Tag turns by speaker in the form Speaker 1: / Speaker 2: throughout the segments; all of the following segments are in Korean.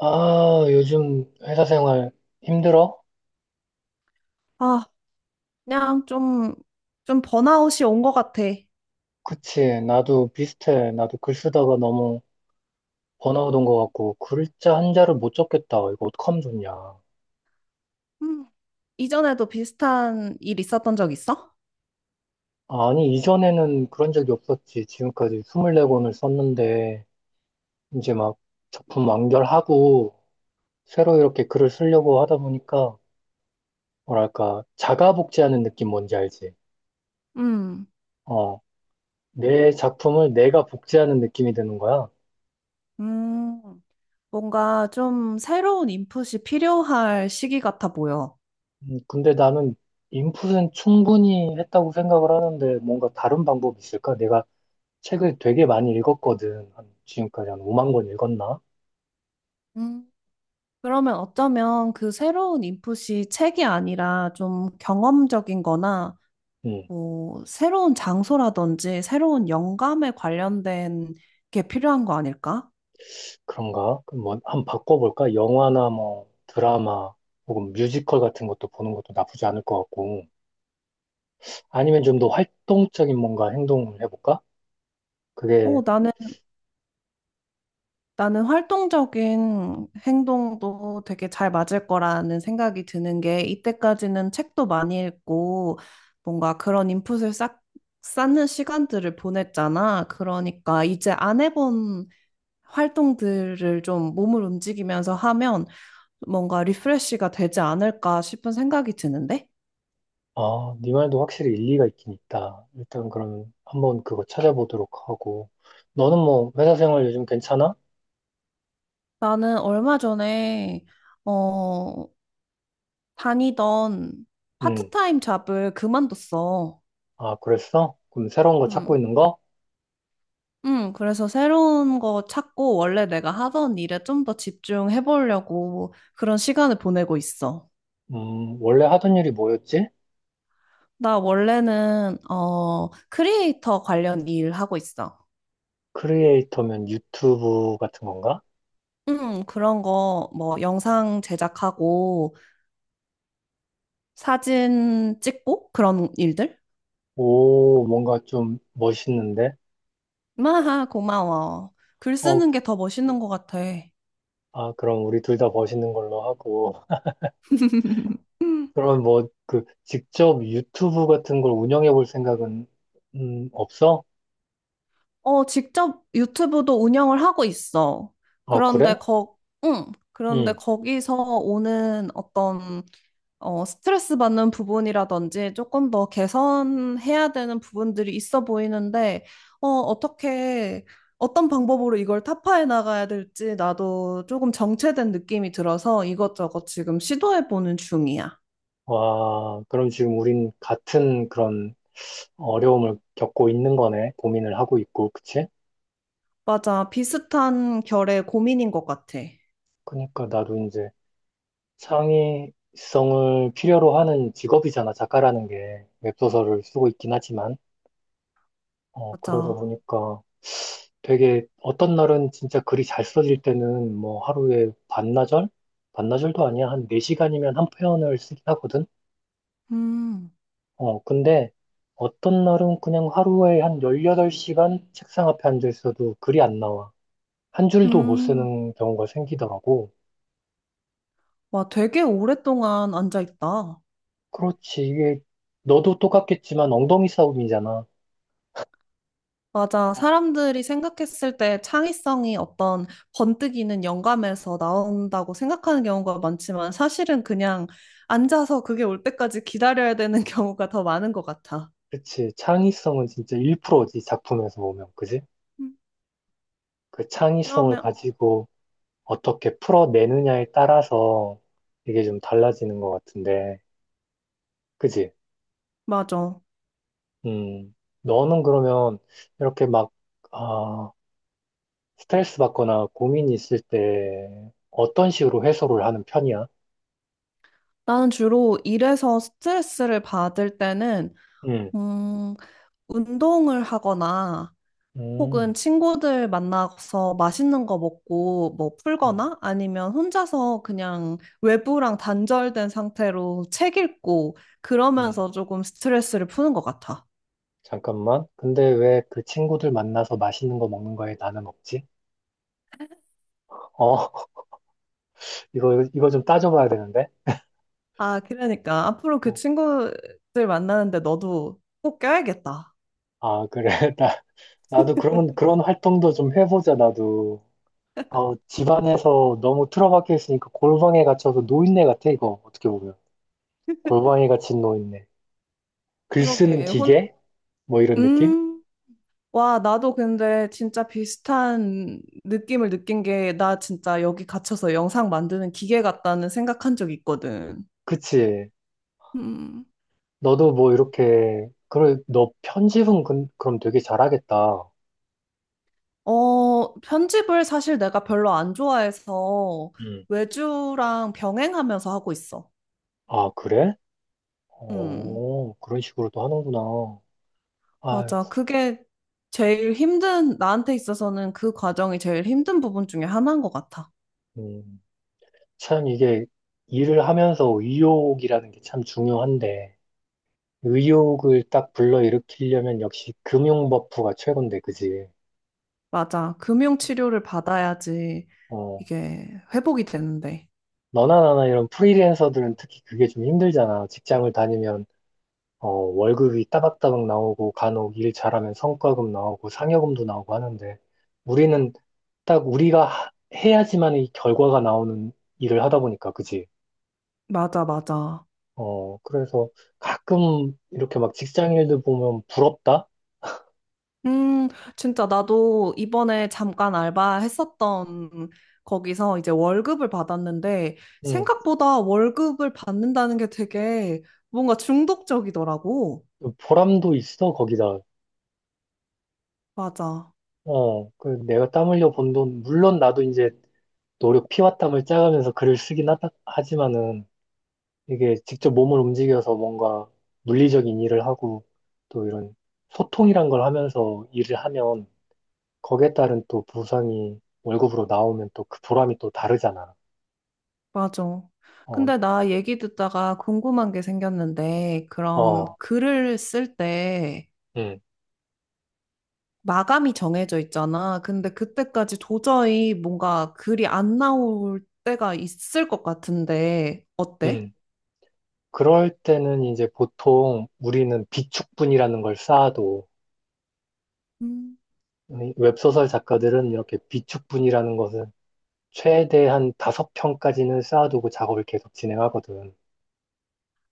Speaker 1: 아, 요즘 회사 생활 힘들어?
Speaker 2: 아, 그냥 좀 번아웃이 온 것 같아.
Speaker 1: 그치. 나도 비슷해. 나도 글 쓰다가 너무 번아웃 온 것 같고, 글자 한자를 못 적겠다. 이거 어떡하면 좋냐.
Speaker 2: 음, 이전에도 비슷한 일 있었던 적 있어?
Speaker 1: 아니, 이전에는 그런 적이 없었지. 지금까지 24권을 썼는데, 이제 막 작품 완결하고, 새로 이렇게 글을 쓰려고 하다 보니까, 뭐랄까, 자가 복제하는 느낌 뭔지 알지?
Speaker 2: 음,
Speaker 1: 어, 내 작품을 내가 복제하는 느낌이 드는 거야.
Speaker 2: 음, 뭔가 좀 새로운 인풋이 필요할 시기 같아 보여.
Speaker 1: 근데 나는 인풋은 충분히 했다고 생각을 하는데 뭔가 다른 방법이 있을까? 내가 책을 되게 많이 읽었거든. 한 지금까지 한 5만 권 읽었나?
Speaker 2: 음, 그러면 어쩌면 그 새로운 인풋이 책이 아니라 좀 경험적인 거나
Speaker 1: 음,
Speaker 2: 뭐 새로운 장소라든지 새로운 영감에 관련된 게 필요한 거 아닐까?
Speaker 1: 그런가? 그럼 뭐 한번 바꿔볼까? 영화나 뭐 드라마 혹은 뮤지컬 같은 것도 보는 것도 나쁘지 않을 것 같고, 아니면 좀 더 활동적인 뭔가 행동을 해볼까?
Speaker 2: 어,
Speaker 1: 그게,
Speaker 2: 나는 나는 활동적인 행동도 되게 잘 맞을 거라는 생각이 드는 게 이때까지는 책도 많이 읽고 뭔가 그런 인풋을 싹 쌓는 시간들을 보냈잖아. 그러니까 이제 안 해본 활동들을 좀 몸을 움직이면서 하면 뭔가 리프레시가 되지 않을까 싶은 생각이 드는데
Speaker 1: 아, 네 말도 확실히 일리가 있긴 있다. 일단 그럼 한번 그거 찾아보도록 하고, 너는 뭐 회사 생활 요즘 괜찮아?
Speaker 2: 나는 얼마 전에 어 다니던
Speaker 1: 음.
Speaker 2: 파트타임 잡을 그만뒀어.
Speaker 1: 아, 그랬어? 그럼 새로운 거 찾고
Speaker 2: 음.
Speaker 1: 있는 거?
Speaker 2: 그래서 새로운 거 찾고 원래 내가 하던 일에 좀 더 집중해 보려고 그런 시간을 보내고 있어.
Speaker 1: 원래 하던 일이 뭐였지?
Speaker 2: 나 원래는 크리에이터 관련 일 하고 있어.
Speaker 1: 크리에이터면 유튜브 같은 건가?
Speaker 2: 그런 거 뭐 영상 제작하고 사진 찍고 그런 일들?
Speaker 1: 오, 뭔가 좀 멋있는데?
Speaker 2: 마하, 고마워. 글
Speaker 1: 어,
Speaker 2: 쓰는 게 더 멋있는 것 같아.
Speaker 1: 아, 그럼 우리 둘 다 멋있는 걸로 하고. 그럼 뭐, 그, 직접 유튜브 같은 걸 운영해 볼 생각은, 없어?
Speaker 2: 직접 유튜브도 운영을 하고 있어.
Speaker 1: 아,
Speaker 2: 그런데
Speaker 1: 그래?
Speaker 2: 거, 응. 그런데
Speaker 1: 응.
Speaker 2: 거기서 오는 어떤 스트레스 받는 부분이라든지 조금 더 개선해야 되는 부분들이 있어 보이는데, 어, 어떻게, 어떤 방법으로 이걸 타파해 나가야 될지 나도 조금 정체된 느낌이 들어서 이것저것 지금 시도해 보는 중이야.
Speaker 1: 와, 그럼 지금 우린 같은 그런 어려움을 겪고 있는 거네. 고민을 하고 있고, 그치?
Speaker 2: 맞아. 비슷한 결의 고민인 것 같아.
Speaker 1: 그니까 나도 이제 창의성을 필요로 하는 직업이잖아, 작가라는 게. 웹소설을 쓰고 있긴 하지만. 어, 그러다
Speaker 2: 맞아.
Speaker 1: 보니까 되게 어떤 날은 진짜 글이 잘 써질 때는 뭐 하루에 반나절? 반나절도 아니야. 한 4시간이면 한 편을 쓰긴 하거든.
Speaker 2: 음.
Speaker 1: 어, 근데 어떤 날은 그냥 하루에 한 18시간 책상 앞에 앉아 있어도 글이 안 나와. 한 줄도 못
Speaker 2: 음.
Speaker 1: 쓰는 경우가 생기더라고.
Speaker 2: 와, 되게 오랫동안 앉아있다.
Speaker 1: 그렇지. 이게 너도 똑같겠지만 엉덩이 싸움이잖아.
Speaker 2: 맞아. 사람들이 생각했을 때 창의성이 어떤 번뜩이는 영감에서 나온다고 생각하는 경우가 많지만 사실은 그냥 앉아서 그게 올 때까지 기다려야 되는 경우가 더 많은 것 같아.
Speaker 1: 그치. 창의성은 진짜 1%지, 작품에서 보면. 그지?
Speaker 2: 음,
Speaker 1: 그 창의성을
Speaker 2: 그러면,
Speaker 1: 가지고 어떻게 풀어내느냐에 따라서 이게 좀 달라지는 것 같은데. 그지?
Speaker 2: 맞아.
Speaker 1: 음. 너는 그러면 이렇게 막, 아, 스트레스 받거나 고민이 있을 때 어떤 식으로 해소를 하는 편이야?
Speaker 2: 나는 주로 일에서 스트레스를 받을 때는,
Speaker 1: 음.
Speaker 2: 음, 운동을 하거나 혹은
Speaker 1: 음.
Speaker 2: 친구들 만나서 맛있는 거 먹고 뭐
Speaker 1: 음.
Speaker 2: 풀거나 아니면 혼자서 그냥 외부랑 단절된 상태로 책 읽고
Speaker 1: 음.
Speaker 2: 그러면서 조금 스트레스를 푸는 것 같아.
Speaker 1: 잠깐만. 근데 왜 그 친구들 만나서 맛있는 거 먹는 거에 나는 없지? 어, 이거 좀 따져봐야 되는데.
Speaker 2: 아, 그러니까 앞으로 그
Speaker 1: 어.
Speaker 2: 친구들 만나는데 너도 꼭 껴야겠다.
Speaker 1: 아, 그래. 나, 나도 그런 활동도 좀 해보자, 나도. 어, 집안에서 너무 틀어박혀 있으니까 골방에 갇혀서 노인네 같아, 이거. 어떻게 보면. 골방에 갇힌 노인네. 글 쓰는
Speaker 2: 그러게.
Speaker 1: 기계? 뭐 이런 느낌?
Speaker 2: 음. 와, 나도 근데 진짜 비슷한 느낌을 느낀 게 나 진짜 여기 갇혀서 영상 만드는 기계 같다는 생각한 적 있거든.
Speaker 1: 그치.
Speaker 2: 음.
Speaker 1: 너도 뭐 이렇게, 그래, 너 편집은 그, 그럼 되게 잘하겠다.
Speaker 2: 편집을 사실 내가 별로 안 좋아해서
Speaker 1: 음.
Speaker 2: 외주랑 병행하면서 하고 있어.
Speaker 1: 아, 그래?
Speaker 2: 음,
Speaker 1: 어, 그런 식으로도 하는구나. 아,
Speaker 2: 맞아. 그게 제일 힘든, 나한테 있어서는 그 과정이 제일 힘든 부분 중에 하나인 것 같아.
Speaker 1: 음, 참 이게 일을 하면서 의욕이라는 게 참 중요한데. 의욕을 딱 불러일으키려면 역시 금융 버프가 최고인데, 그지?
Speaker 2: 맞아. 금융치료를 받아야지
Speaker 1: 어,
Speaker 2: 이게 회복이 되는데.
Speaker 1: 너나 나나 이런 프리랜서들은 특히 그게 좀 힘들잖아. 직장을 다니면, 어, 월급이 따박따박 나오고, 간혹 일 잘하면 성과금 나오고, 상여금도 나오고 하는데, 우리는 딱 우리가 해야지만 이 결과가 나오는 일을 하다 보니까, 그지?
Speaker 2: 맞아, 맞아.
Speaker 1: 어, 그래서 가끔 이렇게 막 직장 일들 보면 부럽다?
Speaker 2: 음, 진짜 나도 이번에 잠깐 알바했었던 거기서 이제 월급을 받았는데
Speaker 1: 응,
Speaker 2: 생각보다 월급을 받는다는 게 되게 뭔가 중독적이더라고.
Speaker 1: 보람도 있어, 거기다.
Speaker 2: 맞아,
Speaker 1: 어, 그 내가 땀 흘려 번 돈, 물론 나도 이제 노력 피와 땀을 짜가면서 글을 쓰긴 하다, 하지만은 이게 직접 몸을 움직여서 뭔가 물리적인 일을 하고 또 이런 소통이란 걸 하면서 일을 하면 거기에 따른 또 보상이 월급으로 나오면 또 그 보람이 또 다르잖아.
Speaker 2: 맞아.
Speaker 1: 어,
Speaker 2: 근데 나 얘기 듣다가 궁금한 게 생겼는데 그럼
Speaker 1: 어,
Speaker 2: 글을 쓸 때
Speaker 1: 음,
Speaker 2: 마감이 정해져 있잖아. 근데 그때까지 도저히 뭔가 글이 안 나올 때가 있을 것 같은데 어때?
Speaker 1: 음. 그럴 때는 이제 보통 우리는 비축분이라는 걸 쌓아도 웹소설 작가들은 이렇게 비축분이라는 것은 최대한 다섯 평까지는 쌓아두고 작업을 계속 진행하거든.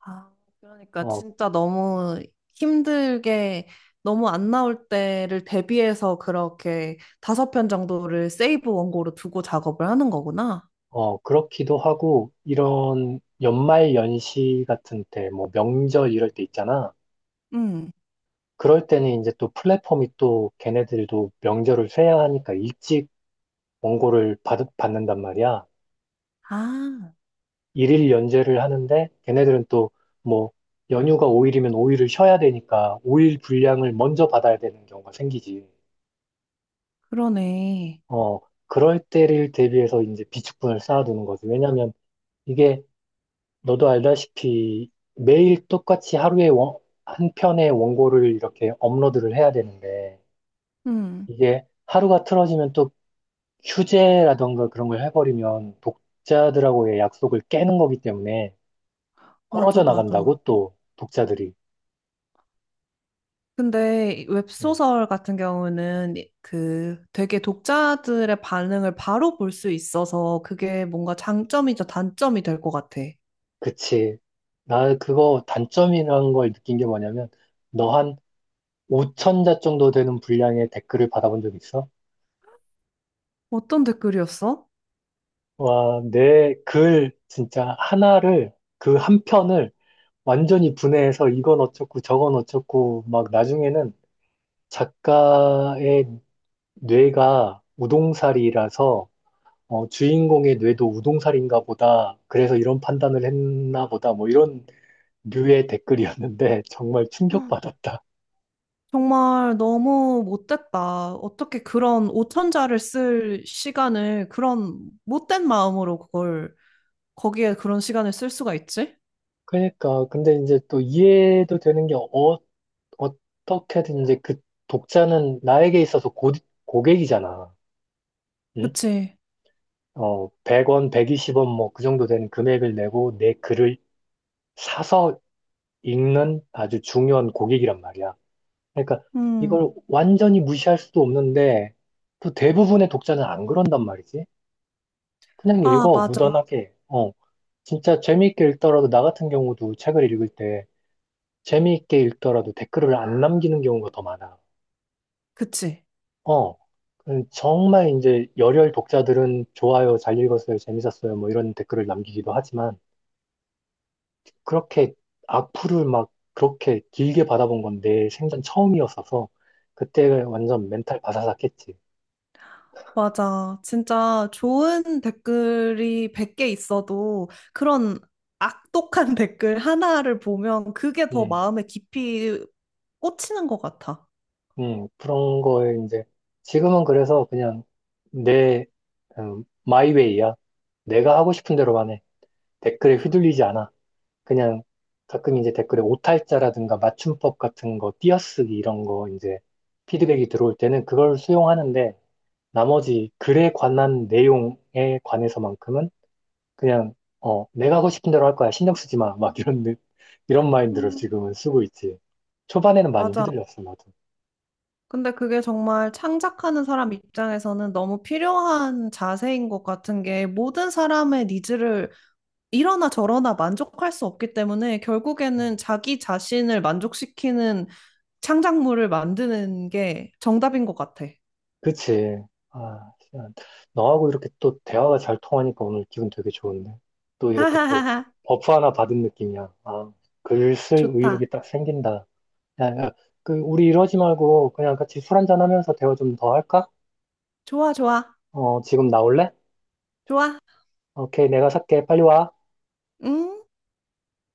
Speaker 2: 아, 그러니까
Speaker 1: 어,
Speaker 2: 진짜 너무 힘들게 너무 안 나올 때를 대비해서 그렇게 다섯 편 정도를 세이브 원고로 두고 작업을 하는 거구나.
Speaker 1: 어, 그렇기도 하고, 이런 연말 연시 같은 때, 뭐 명절 이럴 때 있잖아.
Speaker 2: 응.
Speaker 1: 그럴 때는 이제 또 플랫폼이 또 걔네들도 명절을 쇠야 하니까 일찍 원고를 받는단 말이야.
Speaker 2: 아,
Speaker 1: 일일 연재를 하는데 걔네들은 또 뭐 연휴가 5일이면 5일을 쉬어야 되니까 5일 분량을 먼저 받아야 되는 경우가 생기지.
Speaker 2: 그러네.
Speaker 1: 어, 그럴 때를 대비해서 이제 비축분을 쌓아두는 거지. 왜냐면 이게 너도 알다시피 매일 똑같이 하루에 한 편의 원고를 이렇게 업로드를 해야 되는데
Speaker 2: 응.
Speaker 1: 이게 하루가 틀어지면 또 휴재라던가 그런 걸 해버리면 독자들하고의 약속을 깨는 거기 때문에 떨어져
Speaker 2: 맞아,
Speaker 1: 나간다고
Speaker 2: 맞아.
Speaker 1: 또 독자들이.
Speaker 2: 근데
Speaker 1: 음,
Speaker 2: 웹소설 같은 경우는 그 되게 독자들의 반응을 바로 볼 수 있어서 그게 뭔가 장점이자 단점이 될 것 같아.
Speaker 1: 그치. 나 그거 단점이라는 걸 느낀 게 뭐냐면 너 한 5천 자 정도 되는 분량의 댓글을 받아본 적 있어?
Speaker 2: 어떤 댓글이었어?
Speaker 1: 와, 내 글 진짜 하나를 그 한 편을 완전히 분해해서 이건 어쩌고 저건 어쩌고 막 나중에는 작가의 뇌가 우동살이라서 어, 주인공의 뇌도 우동살인가 보다. 그래서 이런 판단을 했나 보다. 뭐 이런 류의 댓글이었는데 정말 충격받았다.
Speaker 2: 정말 너무 못됐다. 어떻게 그런 오천자를 쓸 시간을 그런 못된 마음으로 그걸 거기에 그런 시간을 쓸 수가 있지?
Speaker 1: 그러니까 근데 이제 또 이해도 되는 게 어, 어떻게든 이제 그 독자는 나에게 있어서 고객이잖아. 응?
Speaker 2: 그치?
Speaker 1: 어, 100원, 120원 뭐 그 정도 되는 금액을 내고 내 글을 사서 읽는 아주 중요한 고객이란 말이야. 그러니까
Speaker 2: 음.
Speaker 1: 이걸 완전히 무시할 수도 없는데 또 대부분의 독자는 안 그런단 말이지. 그냥
Speaker 2: 아,
Speaker 1: 읽어,
Speaker 2: 맞아.
Speaker 1: 무던하게. 어. 진짜 재미있게 읽더라도 나 같은 경우도 책을 읽을 때 재미있게 읽더라도 댓글을 안 남기는 경우가 더 많아.
Speaker 2: 그치?
Speaker 1: 어. 정말 이제 열혈 독자들은 좋아요, 잘 읽었어요, 재밌었어요, 뭐 이런 댓글을 남기기도 하지만 그렇게 악플을 막 그렇게 길게 받아본 건데 생전 처음이었어서 그때 완전 멘탈 바사삭했지.
Speaker 2: 맞아. 진짜 좋은 댓글이 100개 있어도 그런 악독한 댓글 하나를 보면 그게 더
Speaker 1: 음,
Speaker 2: 마음에 깊이 꽂히는 것 같아.
Speaker 1: 그런 거에 이제 지금은 그래서 그냥 내 마이웨이야. 내가 하고 싶은 대로만 해. 댓글에 휘둘리지 않아. 그냥 가끔 이제 댓글에 오탈자라든가 맞춤법 같은 거, 띄어쓰기 이런 거 이제 피드백이 들어올 때는 그걸 수용하는데 나머지 글에 관한 내용에 관해서만큼은 그냥 어 내가 하고 싶은 대로 할 거야. 신경 쓰지 마. 막 이런 이런 마인드를
Speaker 2: 음,
Speaker 1: 지금은 쓰고 있지. 초반에는 많이
Speaker 2: 맞아.
Speaker 1: 휘둘렸어, 나도.
Speaker 2: 근데 그게 정말 창작하는 사람 입장에서는 너무 필요한 자세인 것 같은 게 모든 사람의 니즈를 이러나 저러나 만족할 수 없기 때문에 결국에는 자기 자신을 만족시키는 창작물을 만드는 게 정답인 것 같아.
Speaker 1: 그치. 아, 시간. 너하고 이렇게 또 대화가 잘 통하니까 오늘 기분 되게 좋은데, 또 이렇게 또
Speaker 2: 하하하하.
Speaker 1: 버프 하나 받은 느낌이야. 아, 글 쓸
Speaker 2: 좋다.
Speaker 1: 의욕이 딱 생긴다. 야, 그 우리 이러지 말고 그냥 같이 술 한잔 하면서 대화 좀 더 할까?
Speaker 2: 좋아, 좋아.
Speaker 1: 어, 지금 나올래?
Speaker 2: 좋아.
Speaker 1: 오케이, 내가 살게. 빨리 와.
Speaker 2: 응?